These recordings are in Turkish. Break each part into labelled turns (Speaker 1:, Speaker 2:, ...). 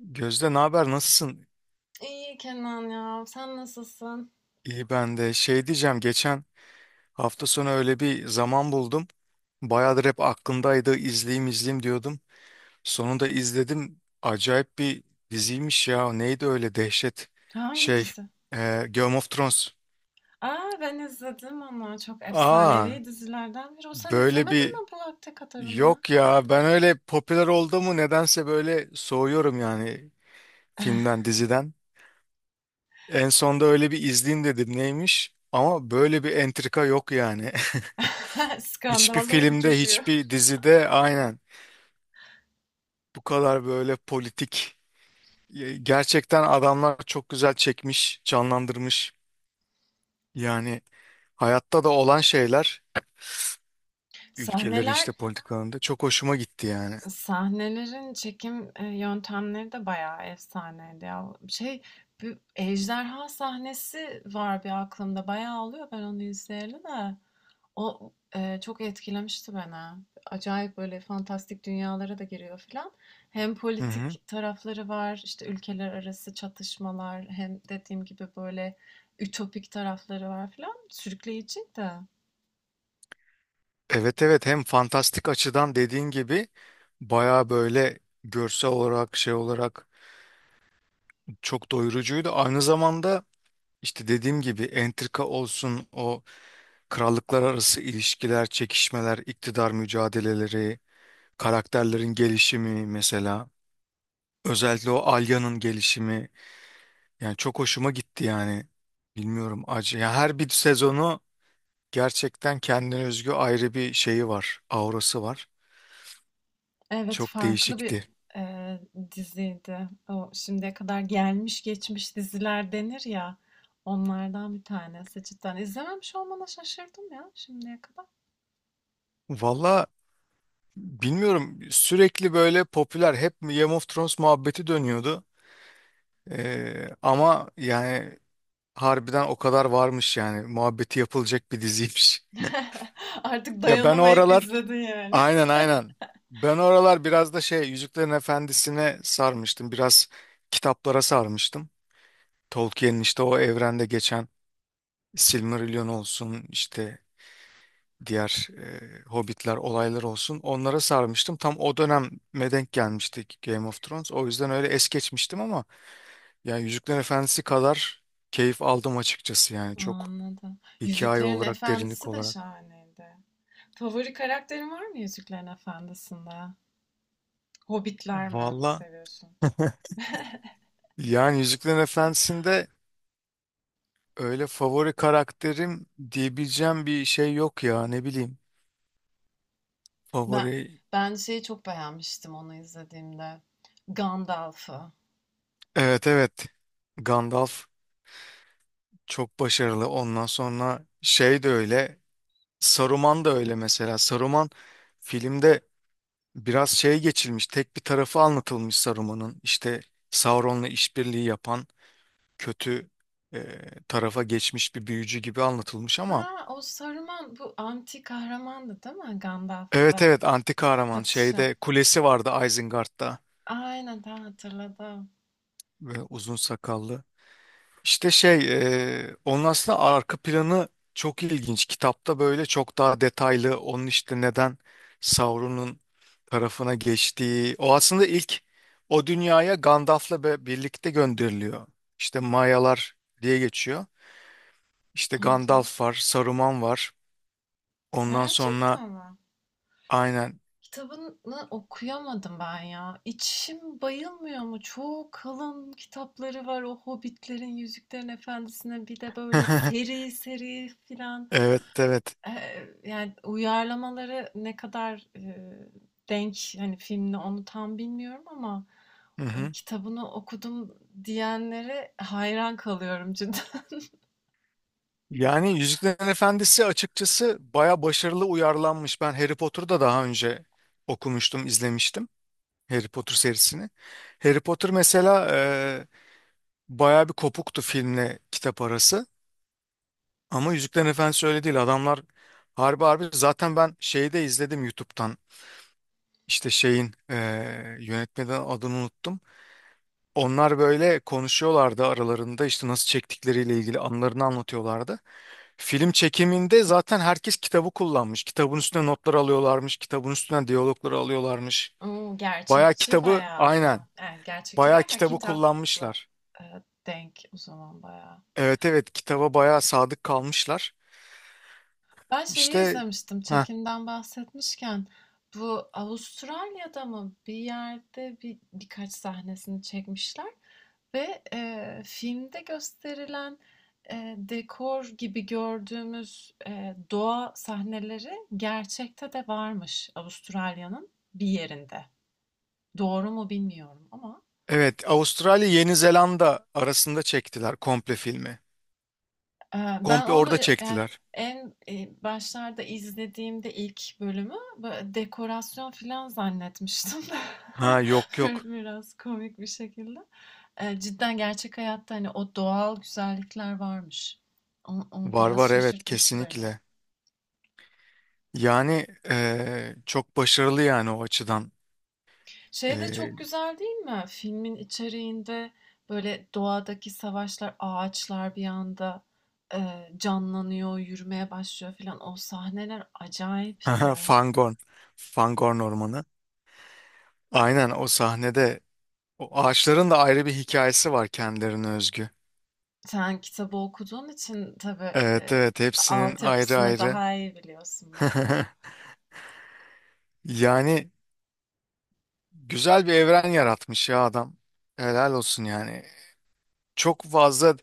Speaker 1: Gözde, ne haber, nasılsın?
Speaker 2: İyi Kenan ya. Sen nasılsın?
Speaker 1: İyi, ben de diyeceğim, geçen hafta sonu öyle bir zaman buldum. Bayağıdır hep aklımdaydı, izleyeyim diyordum. Sonunda izledim. Acayip bir diziymiş ya. Neydi öyle dehşet
Speaker 2: Hangi
Speaker 1: şey
Speaker 2: dizi?
Speaker 1: Game of Thrones.
Speaker 2: Aa, ben izledim onu. Çok
Speaker 1: Aa,
Speaker 2: efsanevi dizilerden biri. O sen
Speaker 1: böyle
Speaker 2: izlemedin
Speaker 1: bir
Speaker 2: mi bu vakte kadar onu ya?
Speaker 1: yok ya, ben öyle popüler oldu mu nedense böyle soğuyorum yani, filmden diziden. En sonda öyle bir izleyeyim dedim, neymiş, ama böyle bir entrika yok yani. Hiçbir
Speaker 2: Skandallar
Speaker 1: filmde,
Speaker 2: uçuşuyor.
Speaker 1: hiçbir dizide aynen bu kadar böyle politik. Gerçekten adamlar çok güzel çekmiş, canlandırmış. Yani hayatta da olan şeyler, ülkelerin
Speaker 2: Sahneler,
Speaker 1: işte politikalarında, çok hoşuma gitti yani.
Speaker 2: sahnelerin çekim yöntemleri de bayağı efsaneydi ya. Şey, bir ejderha sahnesi var bir aklımda. Bayağı oluyor ben onu izleyeli de. O, çok etkilemişti beni. Acayip böyle fantastik dünyalara da giriyor filan. Hem
Speaker 1: Hı hı.
Speaker 2: politik tarafları var, işte ülkeler arası çatışmalar, hem dediğim gibi böyle ütopik tarafları var filan. Sürükleyiciydi.
Speaker 1: Evet evet, hem fantastik açıdan dediğin gibi baya böyle görsel olarak çok doyurucuydu. Aynı zamanda işte dediğim gibi entrika olsun, o krallıklar arası ilişkiler, çekişmeler, iktidar mücadeleleri, karakterlerin gelişimi mesela. Özellikle o Alya'nın gelişimi. Yani çok hoşuma gitti yani. Bilmiyorum acı ya, her bir sezonu gerçekten kendine özgü ayrı bir şeyi var. Aurası var.
Speaker 2: Evet,
Speaker 1: Çok
Speaker 2: farklı bir
Speaker 1: değişikti.
Speaker 2: eee, diziydi. O şimdiye kadar gelmiş geçmiş diziler denir ya. Onlardan bir tanesi cidden. İzlememiş olmana şaşırdım ya şimdiye kadar.
Speaker 1: Valla bilmiyorum, sürekli böyle popüler, hep Game of Thrones muhabbeti dönüyordu. Ama yani harbiden o kadar varmış yani. Muhabbeti yapılacak bir diziymiş.
Speaker 2: Artık
Speaker 1: Ya ben o
Speaker 2: dayanamayıp
Speaker 1: aralar,
Speaker 2: izledin yani.
Speaker 1: aynen aynen, ben oralar biraz da Yüzüklerin Efendisi'ne sarmıştım. Biraz kitaplara sarmıştım. Tolkien'in işte o evrende geçen, Silmarillion olsun, işte diğer Hobbitler olaylar olsun, onlara sarmıştım. Tam o döneme denk gelmiştik Game of Thrones. O yüzden öyle es geçmiştim, ama yani Yüzüklerin Efendisi kadar keyif aldım açıkçası yani, çok
Speaker 2: Anladım.
Speaker 1: hikaye
Speaker 2: Yüzüklerin
Speaker 1: olarak, derinlik
Speaker 2: Efendisi de
Speaker 1: olarak.
Speaker 2: şahaneydi. Favori karakterin var mı Yüzüklerin Efendisi'nde? Hobbitler mi
Speaker 1: Valla
Speaker 2: seviyorsun?
Speaker 1: yani Yüzüklerin Efendisi'nde öyle favori karakterim diyebileceğim bir şey yok ya, ne bileyim.
Speaker 2: Ben
Speaker 1: Favori,
Speaker 2: ben şeyi çok beğenmiştim onu izlediğimde. Gandalf'ı.
Speaker 1: evet evet, Gandalf çok başarılı. Ondan sonra şey de öyle Saruman da öyle, mesela Saruman filmde biraz geçilmiş, tek bir tarafı anlatılmış Saruman'ın, işte Sauron'la işbirliği yapan kötü e, tarafa geçmiş bir büyücü gibi anlatılmış. Ama
Speaker 2: Aa, o Saruman bu anti kahramandı değil mi?
Speaker 1: evet
Speaker 2: Gandalf'la
Speaker 1: evet, anti kahraman,
Speaker 2: çatışan.
Speaker 1: şeyde kulesi vardı, Isengard'da,
Speaker 2: Aynen daha hatırladım.
Speaker 1: ve uzun sakallı. İşte onun aslında arka planı çok ilginç. Kitapta böyle çok daha detaylı, onun işte neden Sauron'un tarafına geçtiği. O aslında ilk o dünyaya Gandalf'la birlikte gönderiliyor. İşte Mayalar diye geçiyor. İşte
Speaker 2: Hadi.
Speaker 1: Gandalf var, Saruman var. Ondan sonra
Speaker 2: Gerçekten mi?
Speaker 1: aynen.
Speaker 2: Kitabını okuyamadım ben ya. İçim bayılmıyor mu? Çok kalın kitapları var. O Hobbitlerin, Yüzüklerin Efendisi'ne bir de böyle seri seri filan.
Speaker 1: Evet, evet.
Speaker 2: Ee, Yani uyarlamaları ne kadar denk hani filmle onu tam bilmiyorum ama
Speaker 1: Hı hı.
Speaker 2: kitabını okudum diyenlere hayran kalıyorum cidden.
Speaker 1: Yani Yüzüklerin Efendisi açıkçası baya başarılı uyarlanmış. Ben Harry Potter'ı da daha önce okumuştum, izlemiştim. Harry Potter serisini. Harry Potter mesela bayağı bir kopuktu filmle kitap arası. Ama Yüzüklerin Efendisi öyle değil. Adamlar harbi, zaten ben şeyi de izledim YouTube'dan. İşte yönetmeden adını unuttum. Onlar böyle konuşuyorlardı aralarında, işte nasıl çektikleriyle ilgili anılarını anlatıyorlardı. Film çekiminde zaten herkes kitabı kullanmış. Kitabın üstüne notlar alıyorlarmış. Kitabın üstüne diyalogları alıyorlarmış.
Speaker 2: Oo,
Speaker 1: Bayağı
Speaker 2: gerçekçi
Speaker 1: kitabı
Speaker 2: bayağı o
Speaker 1: aynen.
Speaker 2: zaman. Yani gerçekçi
Speaker 1: Bayağı
Speaker 2: derken
Speaker 1: kitabı
Speaker 2: kitapla
Speaker 1: kullanmışlar.
Speaker 2: e, denk o zaman bayağı.
Speaker 1: Evet evet, kitaba bayağı sadık kalmışlar.
Speaker 2: Ben şeyi
Speaker 1: İşte
Speaker 2: izlemiştim.
Speaker 1: ha
Speaker 2: Çekimden bahsetmişken bu Avustralya'da mı bir yerde birkaç sahnesini çekmişler ve filmde gösterilen dekor gibi gördüğümüz doğa sahneleri gerçekte de varmış Avustralya'nın bir yerinde. Doğru mu bilmiyorum ama.
Speaker 1: evet, Avustralya Yeni Zelanda arasında çektiler komple filmi.
Speaker 2: Ben
Speaker 1: Komple
Speaker 2: onu,
Speaker 1: orada
Speaker 2: yani
Speaker 1: çektiler.
Speaker 2: başlarda izlediğimde ilk bölümü dekorasyon filan zannetmiştim.
Speaker 1: Ha yok yok.
Speaker 2: Biraz komik bir şekilde. Cidden gerçek hayatta, hani, o doğal güzellikler varmış. O
Speaker 1: Var
Speaker 2: biraz
Speaker 1: var, evet,
Speaker 2: şaşırtmıştı beni.
Speaker 1: kesinlikle. Yani çok başarılı yani o açıdan.
Speaker 2: Şey de
Speaker 1: Eee
Speaker 2: çok güzel değil mi? Filmin içeriğinde, böyle, doğadaki savaşlar, ağaçlar bir anda, canlanıyor, yürümeye başlıyor filan. O sahneler acayipti.
Speaker 1: Fangorn. Fangorn Ormanı. Aynen o sahnede, o ağaçların da ayrı bir hikayesi var kendilerine özgü.
Speaker 2: Sen kitabı okuduğun için tabii,
Speaker 1: Evet evet, hepsinin ayrı
Speaker 2: altyapısını
Speaker 1: ayrı.
Speaker 2: daha iyi biliyorsun benden.
Speaker 1: Yani güzel bir evren yaratmış ya adam. Helal olsun yani. Çok fazla,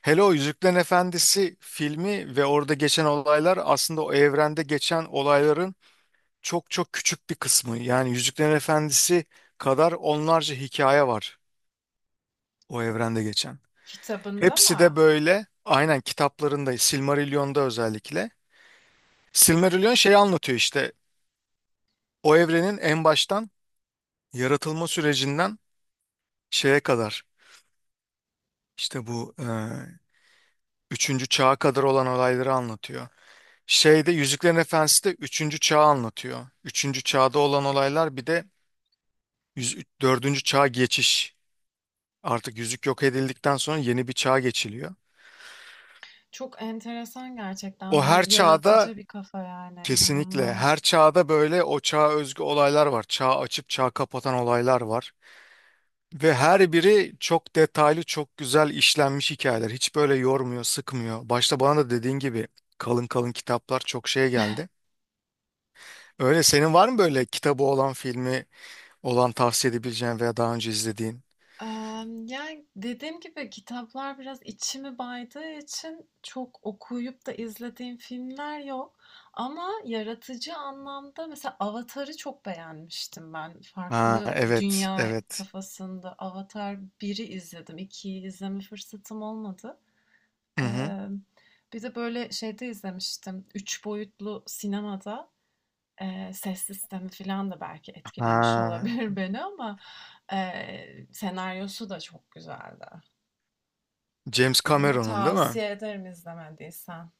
Speaker 1: hele o Yüzüklerin Efendisi filmi ve orada geçen olaylar aslında o evrende geçen olayların çok çok küçük bir kısmı. Yani Yüzüklerin Efendisi kadar onlarca hikaye var o evrende geçen.
Speaker 2: Kitabında
Speaker 1: Hepsi de
Speaker 2: mı?
Speaker 1: böyle aynen kitaplarında, Silmarillion'da özellikle. Silmarillion şeyi anlatıyor, işte o evrenin en baştan yaratılma sürecinden şeye kadar. İşte bu üçüncü çağa kadar olan olayları anlatıyor. Şeyde Yüzüklerin Efendisi de üçüncü çağı anlatıyor. Üçüncü çağda olan olaylar bir de yüz, dördüncü çağa geçiş. Artık yüzük yok edildikten sonra yeni bir çağa geçiliyor.
Speaker 2: Çok enteresan
Speaker 1: O
Speaker 2: gerçekten ve
Speaker 1: her çağda,
Speaker 2: yaratıcı bir kafa yani,
Speaker 1: kesinlikle her
Speaker 2: inanılmaz.
Speaker 1: çağda böyle o çağa özgü olaylar var. Çağ açıp çağ kapatan olaylar var. Ve her biri çok detaylı, çok güzel işlenmiş hikayeler. Hiç böyle yormuyor, sıkmıyor. Başta bana da dediğin gibi kalın kalın kitaplar çok şeye geldi. Öyle senin var mı böyle kitabı olan, filmi olan tavsiye edebileceğin veya daha önce izlediğin?
Speaker 2: Yani, dediğim gibi kitaplar biraz içimi baydığı için çok okuyup da izlediğim filmler yok ama yaratıcı anlamda mesela Avatar'ı çok beğenmiştim ben.
Speaker 1: Ha
Speaker 2: Farklı
Speaker 1: evet
Speaker 2: dünya
Speaker 1: evet.
Speaker 2: kafasında Avatar biri izledim, 2'yi izleme fırsatım olmadı.
Speaker 1: Hı hı.
Speaker 2: Emm, Bir de böyle şeyde izlemiştim, 3 boyutlu sinemada. Ses sistemi falan da belki etkilemiş
Speaker 1: Ha
Speaker 2: olabilir beni ama, senaryosu da çok güzeldi.
Speaker 1: James
Speaker 2: Onu
Speaker 1: Cameron'un değil mi?
Speaker 2: tavsiye ederim izlemediysen.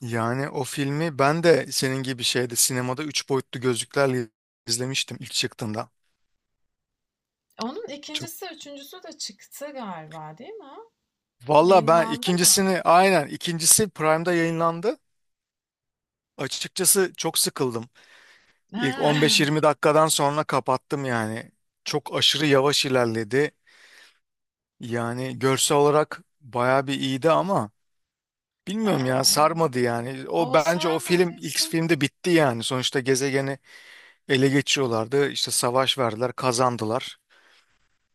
Speaker 1: Yani o filmi ben de senin gibi şeyde, sinemada üç boyutlu gözlüklerle izlemiştim ilk çıktığında.
Speaker 2: Onun
Speaker 1: Çok.
Speaker 2: ikincisi üçüncüsü de çıktı galiba değil mi?
Speaker 1: Valla ben
Speaker 2: Yayınlandı mı?
Speaker 1: ikincisini, aynen ikincisi Prime'da yayınlandı. Açıkçası çok sıkıldım. İlk
Speaker 2: He.
Speaker 1: 15-20 dakikadan sonra kapattım yani. Çok aşırı yavaş ilerledi. Yani görsel olarak bayağı bir iyiydi, ama bilmiyorum ya,
Speaker 2: Eee,
Speaker 1: sarmadı yani. O
Speaker 2: o
Speaker 1: bence o film ilk
Speaker 2: sarmadıysa
Speaker 1: filmde bitti yani. Sonuçta gezegeni ele geçiriyorlardı. İşte savaş verdiler, kazandılar.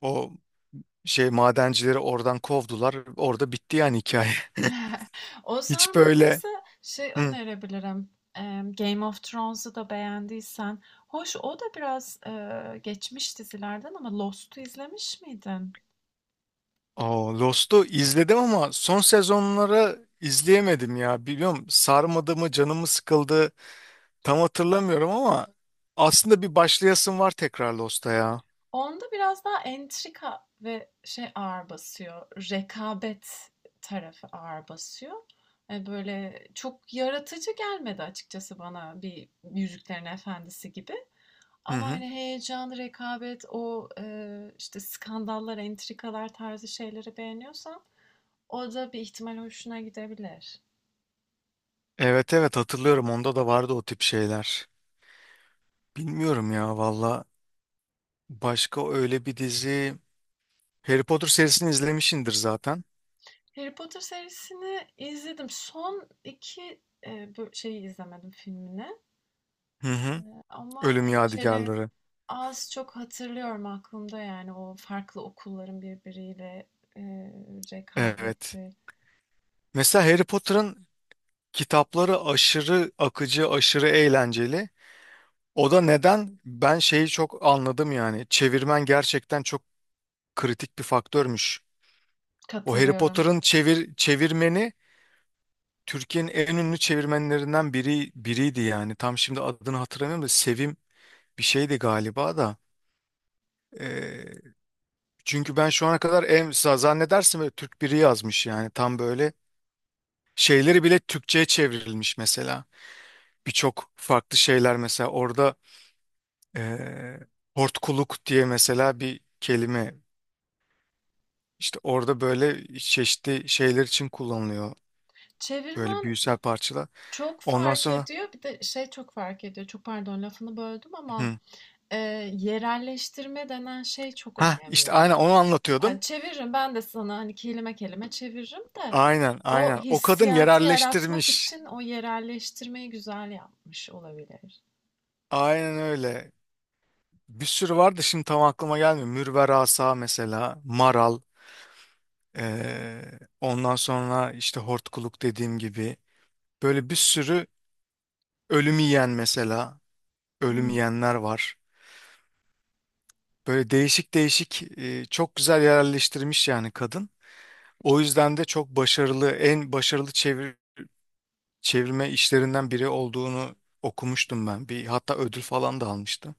Speaker 1: O madencileri oradan kovdular. Orada bitti yani hikaye.
Speaker 2: o
Speaker 1: Hiç böyle
Speaker 2: sarmadıysa şey
Speaker 1: hı.
Speaker 2: önerebilirim, Game of Thrones'u da beğendiysen. Hoş o da biraz, geçmiş dizilerden ama Lost'u izlemiş miydin?
Speaker 1: O Lost'u izledim, ama son sezonları izleyemedim ya. Bilmiyorum sarmadı mı, canımı sıkıldı. Tam hatırlamıyorum ama aslında bir başlayasım var tekrar Lost'a ya.
Speaker 2: Onda biraz daha entrika ve şey ağır basıyor. Rekabet tarafı ağır basıyor. Böyle çok yaratıcı gelmedi açıkçası bana bir Yüzüklerin Efendisi gibi.
Speaker 1: Hı
Speaker 2: Ama
Speaker 1: hı.
Speaker 2: hani heyecan, rekabet, o işte skandallar, entrikalar tarzı şeyleri beğeniyorsan o da bir ihtimal hoşuna gidebilir.
Speaker 1: Evet evet, hatırlıyorum onda da vardı o tip şeyler. Bilmiyorum ya valla, başka öyle bir dizi, Harry Potter serisini izlemişindir zaten.
Speaker 2: Harry Potter serisini izledim. Son iki şeyi izlemedim filmini.
Speaker 1: Hı
Speaker 2: E,
Speaker 1: hı.
Speaker 2: Ama
Speaker 1: Ölüm
Speaker 2: hani şeyleri.
Speaker 1: Yadigarları.
Speaker 2: Az çok hatırlıyorum aklımda yani o farklı okulların birbiriyle, eee,
Speaker 1: Evet.
Speaker 2: rekabeti.
Speaker 1: Mesela Harry Potter'ın kitapları aşırı akıcı, aşırı eğlenceli. O da neden ben şeyi çok anladım yani. Çevirmen gerçekten çok kritik bir faktörmüş. O Harry
Speaker 2: Katılıyorum.
Speaker 1: Potter'ın çevirmeni Türkiye'nin en ünlü çevirmenlerinden biriydi yani. Tam şimdi adını hatırlamıyorum da, Sevim bir şeydi galiba da. Ee, çünkü ben şu ana kadar zannedersin böyle Türk biri yazmış yani, tam böyle şeyleri bile Türkçe'ye çevrilmiş mesela. Birçok farklı şeyler mesela orada, ee, hortkuluk diye mesela bir kelime işte orada böyle çeşitli şeyler için kullanılıyor, böyle
Speaker 2: Çevirmen
Speaker 1: büyüsel parçalar.
Speaker 2: çok
Speaker 1: Ondan
Speaker 2: fark
Speaker 1: sonra
Speaker 2: ediyor. Bir de şey çok fark ediyor. Çok pardon lafını böldüm ama,
Speaker 1: hı.
Speaker 2: yerelleştirme denen şey çok
Speaker 1: Ha
Speaker 2: önemli.
Speaker 1: işte aynen onu anlatıyordum.
Speaker 2: Yani çeviririm ben de sana hani kelime kelime çeviririm de
Speaker 1: Aynen
Speaker 2: o
Speaker 1: aynen, o kadın
Speaker 2: hissiyatı yaratmak
Speaker 1: yerelleştirmiş.
Speaker 2: için o yerelleştirmeyi güzel yapmış olabilir.
Speaker 1: Aynen öyle. Bir sürü vardı, şimdi tam aklıma gelmiyor. Mürver Asa mesela, Maral, ondan sonra işte Hortkuluk dediğim gibi. Böyle bir sürü ölüm yiyen mesela, ölüm yiyenler var. Böyle değişik değişik çok güzel yerleştirmiş yani kadın. O yüzden de çok başarılı, en başarılı çevirme işlerinden biri olduğunu okumuştum ben. Bir hatta ödül falan da almıştı.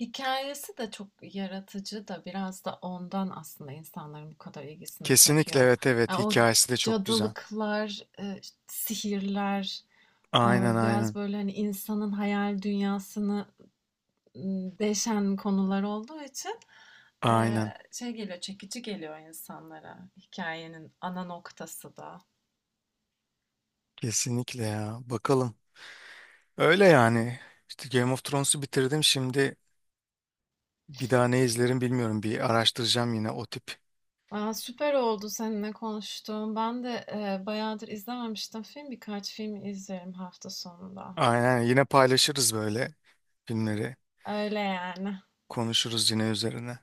Speaker 2: Hikayesi de çok yaratıcı da biraz da ondan aslında insanların bu kadar ilgisini
Speaker 1: Kesinlikle
Speaker 2: çekiyor.
Speaker 1: evet evet,
Speaker 2: Ya o
Speaker 1: hikayesi de çok güzel.
Speaker 2: cadılıklar, sihirler, e,
Speaker 1: Aynen
Speaker 2: biraz
Speaker 1: aynen.
Speaker 2: böyle hani insanın hayal dünyasını deşen konular olduğu için, e,
Speaker 1: Aynen.
Speaker 2: şey geliyor, çekici geliyor insanlara hikayenin ana noktası da.
Speaker 1: Kesinlikle ya. Bakalım. Öyle yani. İşte Game of Thrones'u bitirdim. Şimdi bir daha ne izlerim bilmiyorum. Bir araştıracağım yine o tip.
Speaker 2: Aa, süper oldu seninle konuştuğum. Ben de bayağıdır izlememiştim film. Birkaç film izlerim hafta sonunda.
Speaker 1: Aynen, yine paylaşırız böyle filmleri.
Speaker 2: Öyle yani.
Speaker 1: Konuşuruz yine üzerine.